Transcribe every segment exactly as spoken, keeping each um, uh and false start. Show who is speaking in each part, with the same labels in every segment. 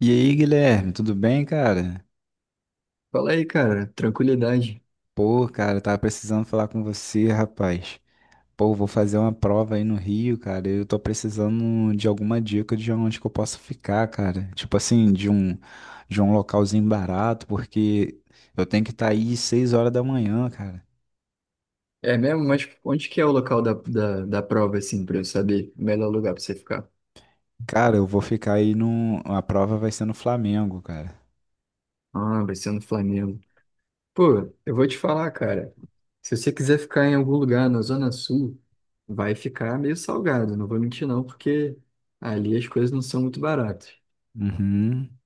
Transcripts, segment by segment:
Speaker 1: E aí, Guilherme, tudo bem, cara?
Speaker 2: Fala aí, cara, tranquilidade.
Speaker 1: Pô, cara, eu tava precisando falar com você, rapaz. Pô, vou fazer uma prova aí no Rio, cara. Eu tô precisando de alguma dica de onde que eu posso ficar, cara. Tipo assim, de um de um localzinho barato, porque eu tenho que estar aí seis horas da manhã, cara.
Speaker 2: É mesmo? Mas onde que é o local da, da, da prova, assim, pra eu saber o melhor lugar pra você ficar?
Speaker 1: Cara, eu vou ficar aí no. A prova vai ser no Flamengo, cara.
Speaker 2: Ah, vai ser no Flamengo. Pô, eu vou te falar, cara. Se você quiser ficar em algum lugar na Zona Sul, vai ficar meio salgado, não vou mentir não, porque ali as coisas não são muito baratas.
Speaker 1: Uhum.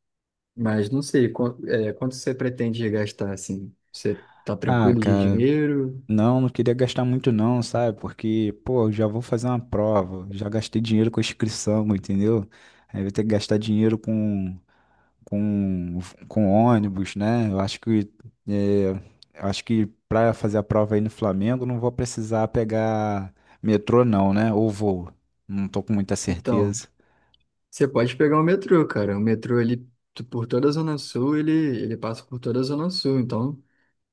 Speaker 2: Mas não sei, quan- é, quanto você pretende gastar, assim? Você tá
Speaker 1: Ah,
Speaker 2: tranquilo de
Speaker 1: cara,
Speaker 2: dinheiro?
Speaker 1: não, não queria gastar muito não, sabe? Porque, pô, eu já vou fazer uma prova, já gastei dinheiro com inscrição, entendeu? Aí vou ter que gastar dinheiro com, com, com ônibus, né? Eu acho que, é, eu acho que pra fazer a prova aí no Flamengo, não vou precisar pegar metrô não, né? Ou voo. Não tô com muita
Speaker 2: Então.
Speaker 1: certeza.
Speaker 2: Você pode pegar o metrô, cara. O metrô, ele, tu- por toda a Zona Sul, ele, ele passa por toda a Zona Sul. Então,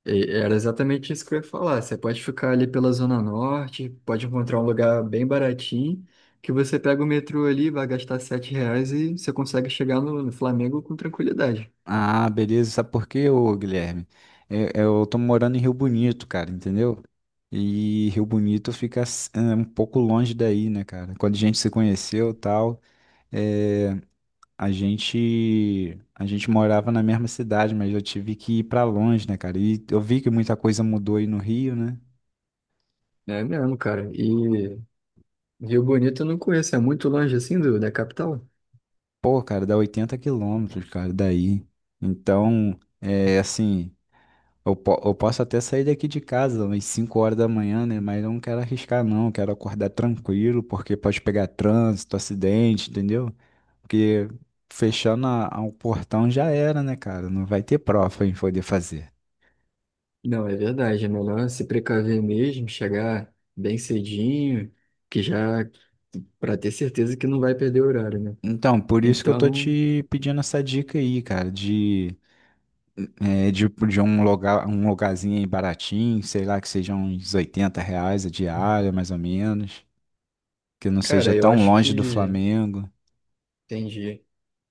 Speaker 2: e- era exatamente isso que eu ia falar. Você pode ficar ali pela Zona Norte, pode encontrar um lugar bem baratinho, que você pega o metrô ali, vai gastar sete reais e você consegue chegar no, no Flamengo com tranquilidade.
Speaker 1: Ah, beleza. Sabe por quê, ô Guilherme? É- é, Eu, tô morando em Rio Bonito, cara, entendeu? E Rio Bonito fica s- é, um pouco longe daí, né, cara? Quando a gente se conheceu e tal, é, a gente, a gente morava na mesma cidade, mas eu tive que ir pra longe, né, cara? E eu vi que muita coisa mudou aí no Rio, né?
Speaker 2: É mesmo, cara. E Rio Bonito eu não conheço. É muito longe, assim, do, da capital?
Speaker 1: Pô, cara, dá oitenta quilômetros, cara, daí. Então, é assim. Eu, po- eu posso até sair daqui de casa umas cinco horas da manhã, né? Mas eu não quero arriscar, não. Eu quero acordar tranquilo, porque pode pegar trânsito, acidente, entendeu? Porque fechando a, a- o portão já era, né, cara? Não vai ter prova pra gente poder fazer.
Speaker 2: Não, é verdade. É melhor se precaver mesmo, chegar bem cedinho, que já para ter certeza que não vai perder o horário, né?
Speaker 1: Então, por isso que eu tô
Speaker 2: Então,
Speaker 1: te pedindo essa dica aí, cara, de, é, de, de um lugar, um lugarzinho aí baratinho, sei lá, que seja uns oitenta reais a diária, mais ou menos. Que não
Speaker 2: cara,
Speaker 1: seja
Speaker 2: eu
Speaker 1: tão
Speaker 2: acho
Speaker 1: longe do
Speaker 2: que
Speaker 1: Flamengo.
Speaker 2: entendi.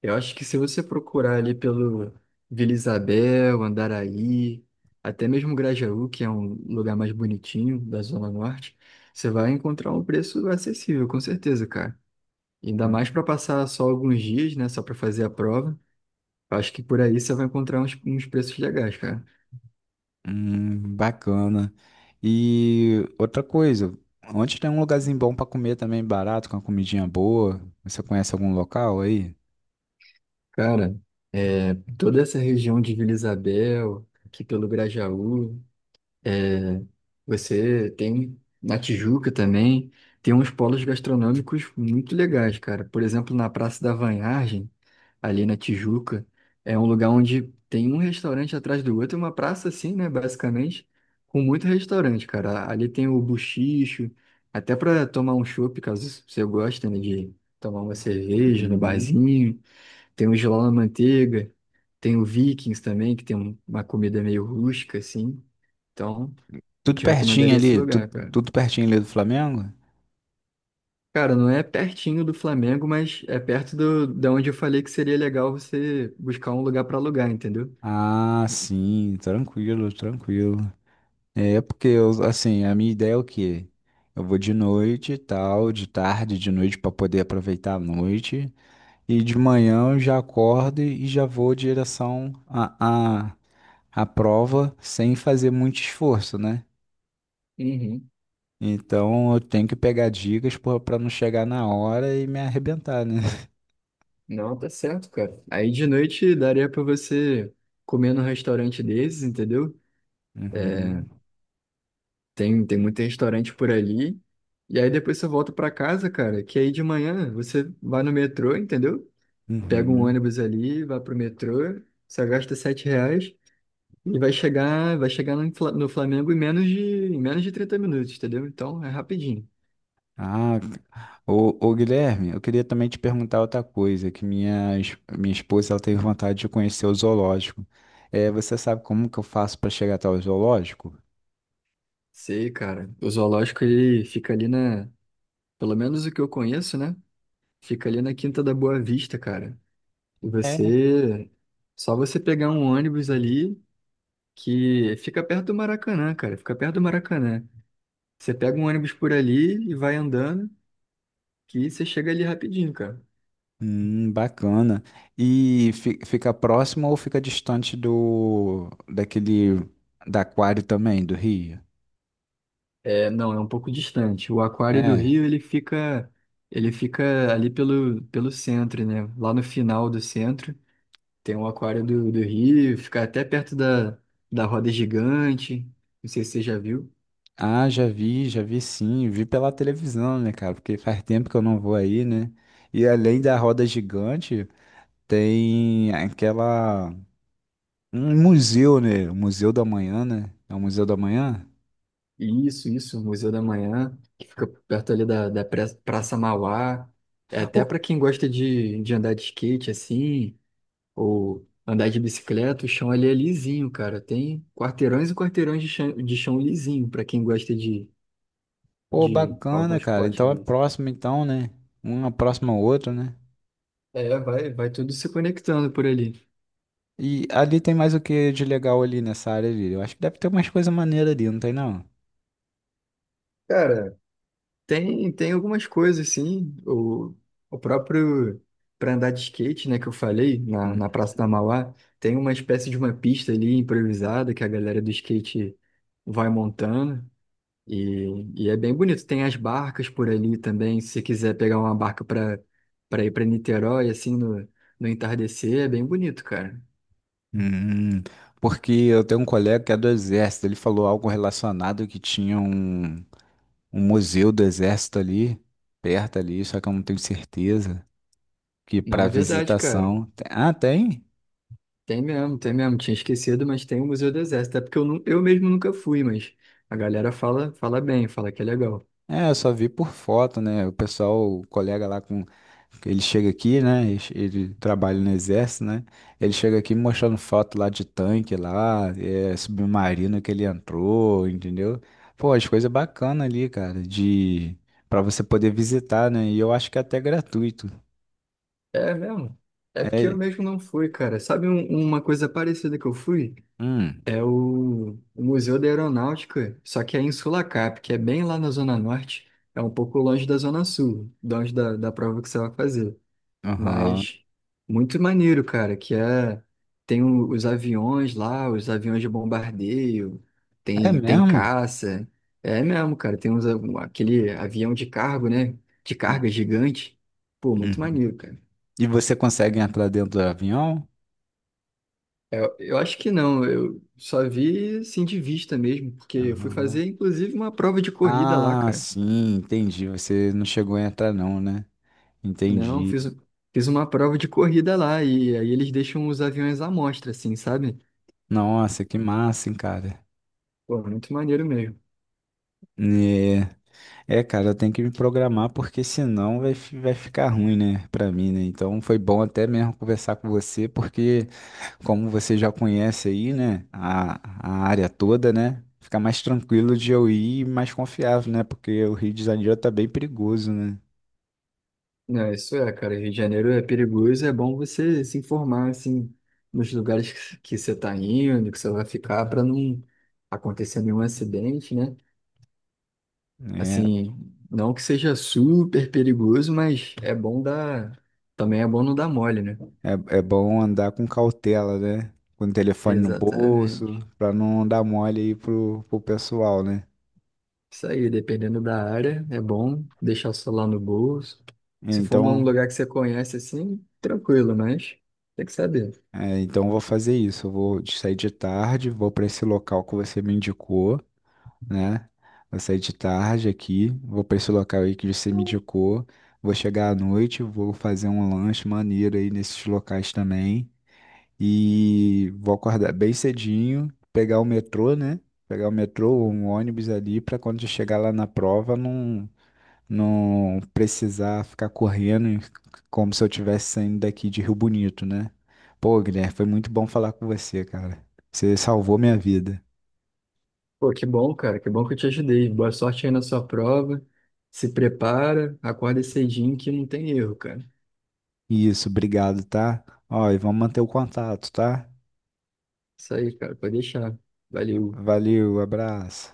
Speaker 2: Eu acho que se você procurar ali pelo Vila Isabel, Andaraí, até mesmo Grajaú, que é um lugar mais bonitinho da Zona Norte, você vai encontrar um preço acessível, com certeza, cara. Ainda mais para passar só alguns dias, né? Só para fazer a prova. Acho que por aí você vai encontrar uns, uns preços legais, cara.
Speaker 1: Hum, bacana. E outra coisa, onde tem um lugarzinho bom pra comer também, barato, com uma comidinha boa? Você conhece algum local aí?
Speaker 2: Cara, é, toda essa região de Vila Isabel, aqui pelo Grajaú, é, você tem na Tijuca também, tem uns polos gastronômicos muito legais, cara. Por exemplo, na Praça da Vanhagem, ali na Tijuca. É um lugar onde tem um restaurante atrás do outro, uma praça assim, né, basicamente, com muito restaurante, cara. Ali tem o Buchicho, até para tomar um chopp, caso você goste, né, de tomar uma cerveja no
Speaker 1: Uhum.
Speaker 2: barzinho. Tem o Giló na Manteiga, tem o Vikings também, que tem um- uma comida meio rústica, assim. Então, eu
Speaker 1: Tudo
Speaker 2: te
Speaker 1: pertinho
Speaker 2: recomendaria esse
Speaker 1: ali, tudo,
Speaker 2: lugar, cara.
Speaker 1: tudo pertinho ali do Flamengo?
Speaker 2: Cara, não é pertinho do Flamengo, mas é perto do, da onde eu falei que seria legal você buscar um lugar para alugar, entendeu?
Speaker 1: Ah, sim, tranquilo, tranquilo. É porque eu, assim, a minha ideia é o quê? Eu vou de noite e tal, de tarde, de noite pra poder aproveitar a noite. E de manhã eu já acordo e já vou em direção à à à prova sem fazer muito esforço, né?
Speaker 2: Uhum.
Speaker 1: Então eu tenho que pegar dicas para não chegar na hora e me arrebentar, né?
Speaker 2: Não, tá certo, cara. Aí de noite daria pra você comer num restaurante desses, entendeu? É,
Speaker 1: Uhum,
Speaker 2: tem, tem muito restaurante por ali. E aí depois você volta pra casa, cara, que aí de manhã você vai no metrô, entendeu? Pega um
Speaker 1: uhum.
Speaker 2: ônibus ali, vai pro metrô, só gasta sete reais e vai chegar, vai chegar no, Fla- no Flamengo em menos de, em menos de trinta minutos, entendeu? Então é rapidinho.
Speaker 1: Ah, ô, ô Guilherme, eu queria também te perguntar outra coisa, que minha, es- minha esposa ela teve vontade de conhecer o zoológico. É, você sabe como que eu faço para chegar até o zoológico?
Speaker 2: Sei, cara. O zoológico ele fica ali na, pelo menos o que eu conheço, né? Fica ali na Quinta da Boa Vista, cara. E você. Só você pegar um ônibus ali que fica perto do Maracanã, cara. Fica perto do Maracanã. Você pega um ônibus por ali e vai andando, que você chega ali rapidinho, cara.
Speaker 1: Hum, bacana. E fi- fica próximo ou fica distante do daquele da aquário também, do Rio?
Speaker 2: É, não, é um pouco distante. O Aquário do
Speaker 1: É.
Speaker 2: Rio, ele fica. Ele fica ali pelo, pelo centro, né? Lá no final do centro. Tem o Aquário do, do Rio, fica até perto da, da roda gigante. Não sei se você já viu.
Speaker 1: Ah, já vi, já vi sim, vi pela televisão, né, cara? Porque faz tempo que eu não vou aí, né? E além da roda gigante, tem aquela um museu, né? O Museu da Manhã, né? É o Museu da Manhã?
Speaker 2: Isso, isso, Museu da Manhã, que fica perto ali da, da pra- Praça Mauá. É até
Speaker 1: Ô,
Speaker 2: para quem gosta de, de andar de skate assim, ou andar de bicicleta, o chão ali é lisinho, cara. Tem quarteirões e quarteirões de chão, de chão lisinho para quem gosta de,
Speaker 1: pô,
Speaker 2: de algum
Speaker 1: bacana, cara.
Speaker 2: esporte
Speaker 1: Então é
Speaker 2: mesmo.
Speaker 1: próximo então, né? Uma próxima a outra, né?
Speaker 2: É, vai, vai tudo se conectando por ali.
Speaker 1: E ali tem mais o que de legal ali nessa área ali? Eu acho que deve ter umas coisas maneiras ali, não tem não?
Speaker 2: Cara, Tem, tem algumas coisas, sim. O, o próprio para andar de skate, né, que eu falei, na,
Speaker 1: Hum,
Speaker 2: na Praça da Mauá, tem uma espécie de uma pista ali improvisada que a galera do skate vai montando. E, e é bem bonito. Tem as barcas por ali também. Se você quiser pegar uma barca para para ir para Niterói, assim, no, no entardecer, é bem bonito, cara.
Speaker 1: hum, porque eu tenho um colega que é do exército, ele falou algo relacionado que tinha um, um museu do exército ali, perto ali, só que eu não tenho certeza, que
Speaker 2: Não
Speaker 1: para
Speaker 2: é verdade, cara.
Speaker 1: visitação... Ah, tem?
Speaker 2: Tem mesmo, tem mesmo. Tinha esquecido, mas tem o Museu do Exército. É porque eu, nu- eu mesmo nunca fui, mas a galera fala, fala bem, fala que é legal.
Speaker 1: É, eu só vi por foto, né? O pessoal, o colega lá com. Ele chega aqui, né? Ele ele trabalha no exército, né? Ele chega aqui mostrando foto lá de tanque lá, é, submarino que ele entrou, entendeu? Pô, as coisas bacanas ali, cara, de para você poder visitar, né? E eu acho que é até gratuito.
Speaker 2: É mesmo. É porque eu
Speaker 1: É,
Speaker 2: mesmo não fui, cara. Sabe um- uma coisa parecida que eu fui?
Speaker 1: hum,
Speaker 2: É o, o Museu da Aeronáutica, só que é em Sulacap, que é bem lá na Zona Norte. É um pouco longe da Zona Sul, longe da, da prova que você vai fazer.
Speaker 1: aham.
Speaker 2: Mas muito maneiro, cara, que é tem o- os aviões lá, os aviões de bombardeio,
Speaker 1: É
Speaker 2: tem tem
Speaker 1: mesmo?
Speaker 2: caça. É mesmo, cara, tem uns, um- aquele avião de cargo, né? De carga
Speaker 1: Hum,
Speaker 2: gigante. Pô, muito
Speaker 1: Uhum.
Speaker 2: maneiro, cara.
Speaker 1: E você consegue entrar dentro do avião?
Speaker 2: Eu, eu acho que não, eu só vi assim de vista mesmo, porque eu fui
Speaker 1: Aham.
Speaker 2: fazer inclusive uma prova de corrida lá,
Speaker 1: Ah,
Speaker 2: cara.
Speaker 1: sim, entendi. Você não chegou a entrar não, né?
Speaker 2: Não,
Speaker 1: Entendi.
Speaker 2: fiz, fiz uma prova de corrida lá e aí eles deixam os aviões à mostra, assim, sabe?
Speaker 1: Nossa, que massa, hein, cara.
Speaker 2: Pô, muito maneiro mesmo.
Speaker 1: Né, é, cara, eu tenho que me programar porque senão vai, fi- vai ficar ruim, né, pra mim, né? Então foi bom até mesmo conversar com você, porque como você já conhece aí, né, a, a área toda, né, fica mais tranquilo de eu ir e mais confiável, né? Porque o Rio de Janeiro tá bem perigoso, né?
Speaker 2: Não, isso é, cara. Rio de Janeiro é perigoso, é bom você se informar, assim, nos lugares que que você está indo, que você vai ficar, para não acontecer nenhum acidente, né?
Speaker 1: É,
Speaker 2: Assim, não que seja super perigoso, mas é bom dar. Também é bom não dar mole, né?
Speaker 1: é, é bom andar com cautela, né? Com o telefone no bolso,
Speaker 2: Exatamente.
Speaker 1: pra não dar mole aí pro, pro pessoal, né?
Speaker 2: Isso aí, dependendo da área, é bom deixar o celular no bolso. Se for um
Speaker 1: Então.
Speaker 2: lugar que você conhece, assim, tranquilo, mas tem que saber.
Speaker 1: É, então eu vou fazer isso. Eu vou de- sair de tarde, vou para esse local que você me indicou, né? Vou sair de tarde aqui, vou para esse local aí que você me indicou. Vou chegar à noite, vou fazer um lanche maneiro aí nesses locais também. E vou acordar bem cedinho, pegar o metrô, né? Pegar o metrô ou um ônibus ali para quando eu chegar lá na prova não, não precisar ficar correndo como se eu estivesse saindo daqui de Rio Bonito, né? Pô, Guilherme, foi muito bom falar com você, cara. Você salvou minha vida.
Speaker 2: Pô, que bom, cara. Que bom que eu te ajudei. Boa sorte aí na sua prova. Se prepara, acorda cedinho que não tem erro, cara.
Speaker 1: Isso, obrigado, tá? Ó, e vamos manter o contato, tá?
Speaker 2: Isso aí, cara. Pode deixar. Valeu.
Speaker 1: Valeu, abraço.